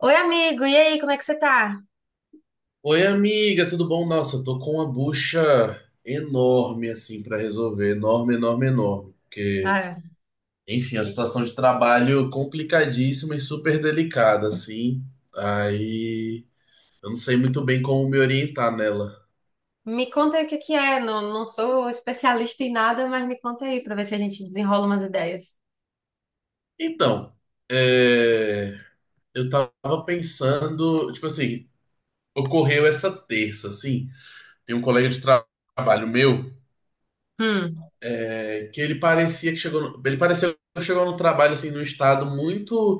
Oi, amigo, e aí, como é que você tá? Oi, amiga, tudo bom? Nossa, eu tô com uma bucha enorme, assim, pra resolver. Enorme, enorme, enorme. Porque, Ah, enfim, a que- situação de trabalho complicadíssima e super delicada, assim. Aí, eu não sei muito bem como me orientar nela. Me conta aí o que que é, não, não sou especialista em nada, mas me conta aí pra ver se a gente desenrola umas ideias. Então, é, eu tava pensando, tipo assim, ocorreu essa terça, assim. Tem um colega de trabalho meu, Hum, que ele parecia que chegou, ele pareceu que chegou no trabalho, assim, num estado muito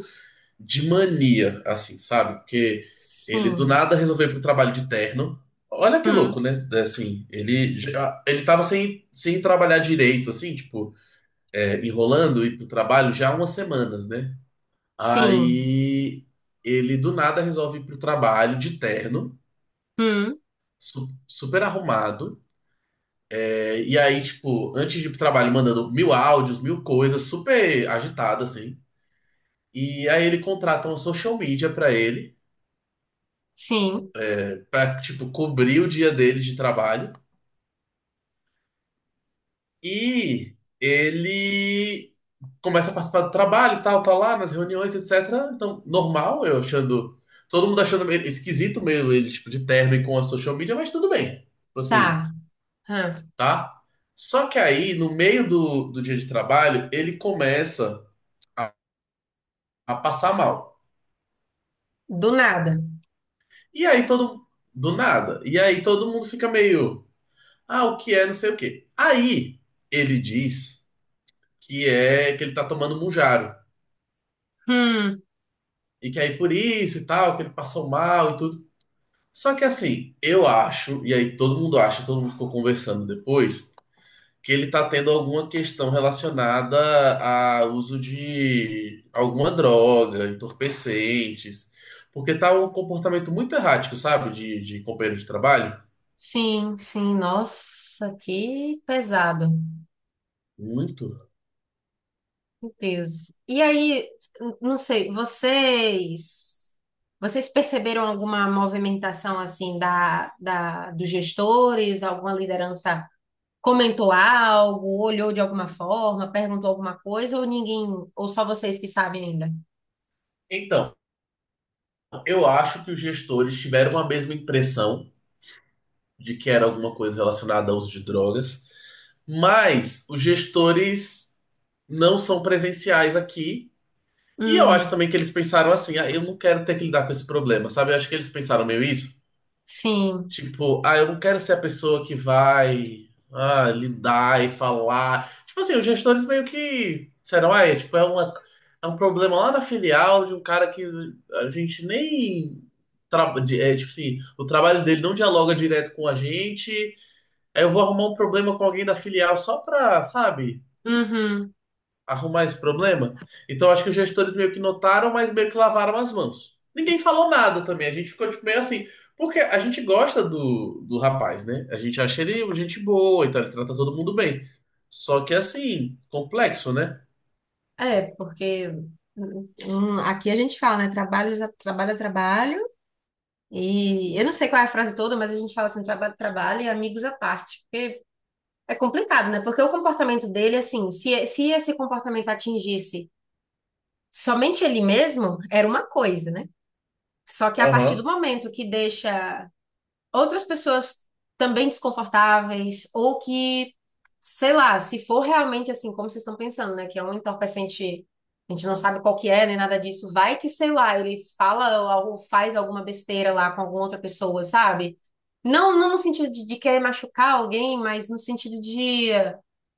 de mania, assim, sabe? Porque ele do sim, nada resolveu ir pro trabalho de terno. Olha que louco, hum, né? É, assim, ele tava sem trabalhar direito, assim, tipo, enrolando ir pro trabalho já há umas semanas, né? sim, Aí ele do nada resolve ir pro trabalho de terno, hum, super arrumado. É, e aí, tipo, antes de ir pro trabalho, mandando mil áudios, mil coisas, super agitado, assim. E aí ele contrata uma social media pra ele, sim, pra, tipo, cobrir o dia dele de trabalho. E ele começa a participar do trabalho e tal, tá lá nas reuniões, etc. Então, normal, eu achando. Todo mundo achando meio esquisito meio ele, tipo, de terno e com a social media, mas tudo bem. Tipo assim, tá, hã, tá? Só que aí, no meio do dia de trabalho, ele começa a, a passar mal. do nada. E aí todo. Do nada. E aí todo mundo fica meio. Ah, o que é, não sei o quê. Aí ele diz que é que ele tá tomando Mounjaro. Hum, E que aí por isso e tal, que ele passou mal e tudo. Só que assim, eu acho, e aí todo mundo acha, todo mundo ficou conversando depois, que ele tá tendo alguma questão relacionada a uso de alguma droga, entorpecentes. Porque tá um comportamento muito errático, sabe? De companheiro de trabalho. sim, sim, nossa, que pesado. Muito. Meu Deus. E aí, não sei, vocês perceberam alguma movimentação assim da dos gestores? Alguma liderança comentou algo, olhou de alguma forma, perguntou alguma coisa, ou ninguém, ou só vocês que sabem ainda? Então, eu acho que os gestores tiveram a mesma impressão de que era alguma coisa relacionada ao uso de drogas. Mas os gestores não são presenciais aqui. E eu acho Hum, também que eles pensaram assim: ah, eu não quero ter que lidar com esse problema, sabe? Eu acho que eles pensaram meio isso. sim. Tipo, ah, eu não quero ser a pessoa que vai ah, lidar e falar. Tipo assim, os gestores meio que disseram: ah, é, tipo, é um problema lá na filial de um cara que a gente nem. É, tipo assim, o trabalho dele não dialoga direto com a gente, eu vou arrumar um problema com alguém da filial só pra, sabe, Uhum. arrumar esse problema. Então acho que os gestores meio que notaram, mas meio que lavaram as mãos. Ninguém falou nada também, a gente ficou tipo, meio assim. Porque a gente gosta do rapaz, né? A gente acha ele gente boa, então ele trata todo mundo bem. Só que assim, complexo, né? É, porque aqui a gente fala, né? Trabalho, trabalho, é trabalho. E eu não sei qual é a frase toda, mas a gente fala assim, trabalho, trabalho e amigos à parte. Porque é complicado, né? Porque o comportamento dele, assim, se esse comportamento atingisse somente ele mesmo, era uma coisa, né? Só que a partir do Aham, momento que deixa outras pessoas também desconfortáveis, ou que, sei lá, se for realmente assim, como vocês estão pensando, né? Que é um entorpecente, a gente não sabe qual que é, nem nada disso, vai que, sei lá, ele fala ou faz alguma besteira lá com alguma outra pessoa, sabe? Não, não no sentido de querer machucar alguém, mas no sentido de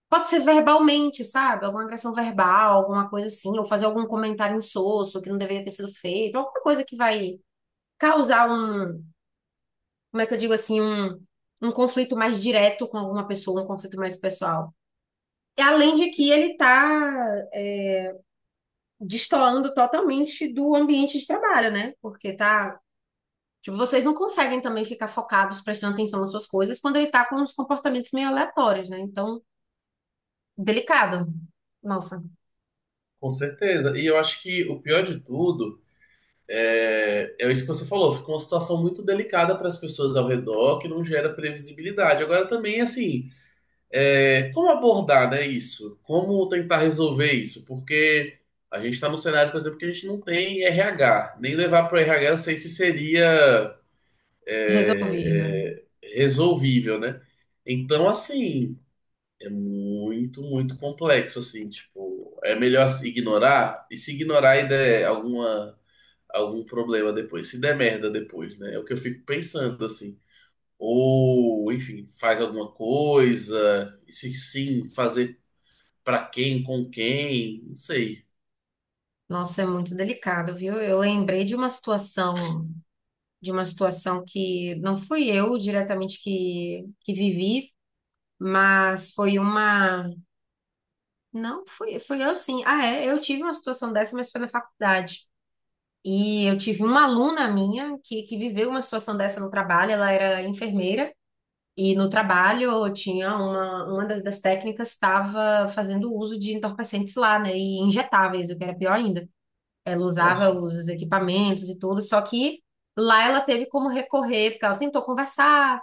pode ser verbalmente, sabe? Alguma agressão verbal, alguma coisa assim, ou fazer algum comentário insosso que não deveria ter sido feito, alguma coisa que vai causar um, como é que eu digo assim, um conflito mais direto com alguma pessoa, um conflito mais pessoal. E além de que ele tá é, destoando totalmente do ambiente de trabalho, né? Porque tá, tipo, vocês não conseguem também ficar focados, prestando atenção nas suas coisas, quando ele tá com uns comportamentos meio aleatórios, né? Então, delicado. Nossa, com certeza. E eu acho que o pior de tudo é isso que você falou, ficou uma situação muito delicada para as pessoas ao redor, que não gera previsibilidade. Agora também, assim, é, como abordar, né, isso? Como tentar resolver isso? Porque a gente está num cenário, por exemplo, que a gente não tem RH. Nem levar para o RH eu sei se seria resolvi. é, é, resolvível, né? Então, assim, é muito complexo, assim, tipo, é melhor se ignorar e se ignorar e der alguma, algum problema depois, se der merda depois, né? É o que eu fico pensando, assim. Ou, enfim, faz alguma coisa, e se sim, fazer. Pra quem, com quem, não sei. Nossa, é muito delicado, viu? Eu lembrei de uma situação que não fui eu diretamente que vivi, mas foi uma. Não, fui, fui eu sim. Ah, é, eu tive uma situação dessa, mas foi na faculdade. E eu tive uma aluna minha que viveu uma situação dessa no trabalho, ela era enfermeira. E no trabalho tinha uma das técnicas estava fazendo uso de entorpecentes lá, né? E injetáveis, o que era pior ainda. Ela usava Nossa, os equipamentos e tudo, só que lá ela teve como recorrer, porque ela tentou conversar.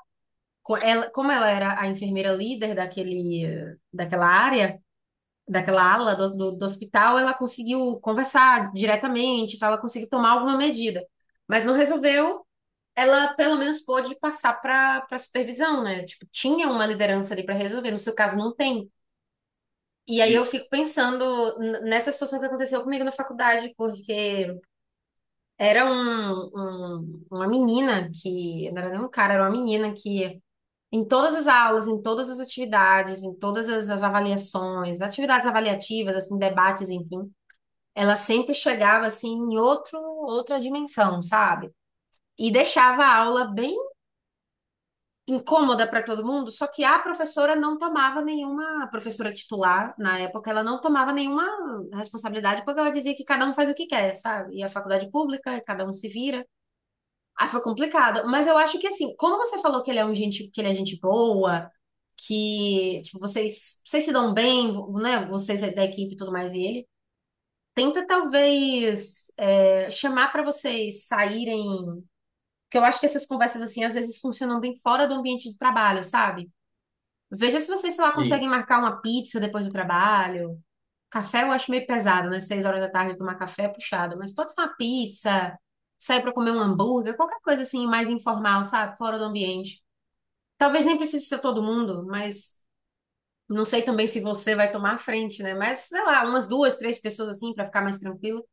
Ela, como ela era a enfermeira líder daquela área, daquela ala do hospital, ela conseguiu conversar diretamente, e tal, ela conseguiu tomar alguma medida. Mas não resolveu, ela pelo menos pôde passar para para supervisão, né? Tipo, tinha uma liderança ali para resolver, no seu caso não tem. E aí eu isso. fico pensando nessa situação que aconteceu comigo na faculdade, porque era uma menina que, não era nem um cara, era uma menina que, em todas as aulas, em todas as atividades, em todas as avaliações, atividades avaliativas, assim, debates, enfim, ela sempre chegava, assim, em outra dimensão, sabe? E deixava a aula bem incômoda para todo mundo, só que a professora não tomava nenhuma, a professora titular, na época, ela não tomava nenhuma responsabilidade, porque ela dizia que cada um faz o que quer, sabe? E a faculdade pública, cada um se vira. Ah, foi complicado. Mas eu acho que assim, como você falou que ele é um gente, que ele é gente boa, que tipo, vocês se dão bem, né? Vocês é da equipe e tudo mais, e ele tenta talvez chamar para vocês saírem. Porque eu acho que essas conversas assim às vezes funcionam bem fora do ambiente de trabalho, sabe? Veja se vocês, sei lá, Sim. conseguem marcar uma pizza depois do trabalho. Café eu acho meio pesado, né? Seis horas da tarde tomar café é puxado. Mas pode ser uma pizza, sair pra comer um hambúrguer, qualquer coisa assim mais informal, sabe? Fora do ambiente. Talvez nem precise ser todo mundo, mas não sei também se você vai tomar a frente, né? Mas sei lá, umas duas, três pessoas assim pra ficar mais tranquilo.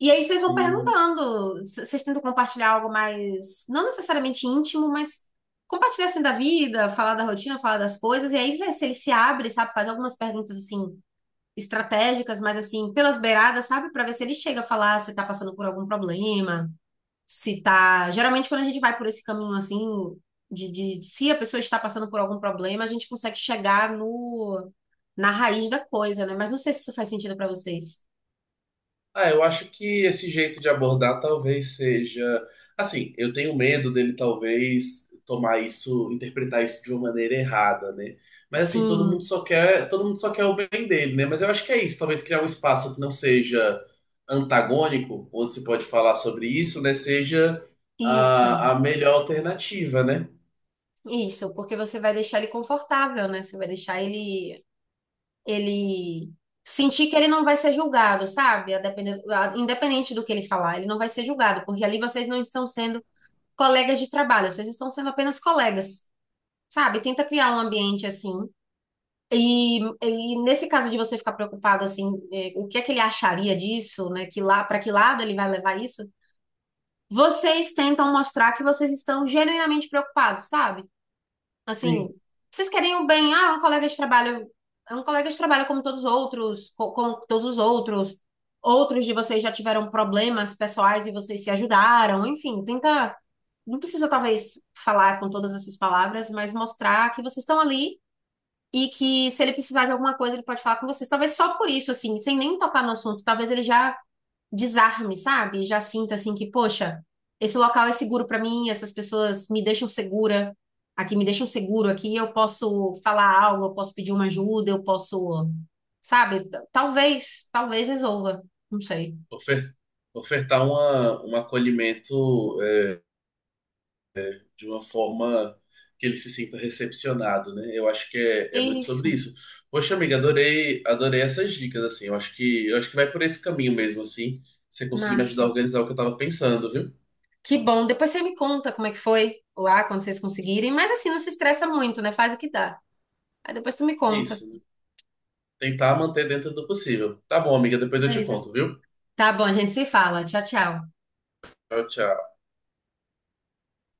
E aí vocês vão Hum. perguntando, vocês tentam compartilhar algo mais, não necessariamente íntimo, mas compartilhar assim da vida, falar da rotina, falar das coisas, e aí ver se ele se abre, sabe? Faz algumas perguntas assim estratégicas, mas assim, pelas beiradas, sabe? Pra ver se ele chega a falar se tá passando por algum problema, se tá. Geralmente, quando a gente vai por esse caminho assim, de se a pessoa está passando por algum problema, a gente consegue chegar no na raiz da coisa, né? Mas não sei se isso faz sentido pra vocês. Ah, eu acho que esse jeito de abordar talvez seja. Assim, eu tenho medo dele talvez tomar isso, interpretar isso de uma maneira errada, né? Mas assim, Sim, todo mundo só quer o bem dele, né? Mas eu acho que é isso, talvez criar um espaço que não seja antagônico, onde se pode falar sobre isso, né? Seja isso. A melhor alternativa, né? Isso, porque você vai deixar ele confortável, né? Você vai deixar ele sentir que ele não vai ser julgado, sabe? Independente do que ele falar, ele não vai ser julgado, porque ali vocês não estão sendo colegas de trabalho, vocês estão sendo apenas colegas, sabe? Tenta criar um ambiente assim. E nesse caso de você ficar preocupado assim, é, o que é que ele acharia disso, né? Que lá, para que lado ele vai levar isso? Vocês tentam mostrar que vocês estão genuinamente preocupados, sabe? Assim, Sim. vocês querem o bem, ah, é um colega de trabalho, é um colega de trabalho como todos os outros, como todos os outros. Outros de vocês já tiveram problemas pessoais e vocês se ajudaram, enfim, tenta, não precisa talvez falar com todas essas palavras, mas mostrar que vocês estão ali e que se ele precisar de alguma coisa, ele pode falar com vocês. Talvez só por isso, assim, sem nem tocar no assunto, talvez ele já desarme, sabe? Já sinta assim que, poxa, esse local é seguro pra mim, essas pessoas me deixam segura, aqui me deixam seguro, aqui eu posso falar algo, eu posso pedir uma ajuda, eu posso, sabe? Talvez, talvez resolva, não sei. ofer- ofertar um acolhimento é, de uma forma que ele se sinta recepcionado, né? Eu acho que É é muito isso, sobre isso. Poxa, amiga, adorei, adorei essas dicas, assim. Eu acho eu acho que vai por esse caminho mesmo, assim. Você conseguir me ajudar a massa. organizar o que eu tava pensando, viu? Que bom, depois você me conta como é que foi lá, quando vocês conseguirem, mas assim, não se estressa muito, né? Faz o que dá. Aí depois tu me conta. Isso, né? Tentar manter dentro do possível. Tá bom, amiga, depois eu É te isso. conto, viu? Tá bom, a gente se fala. Tchau, tchau. Tchau, tchau.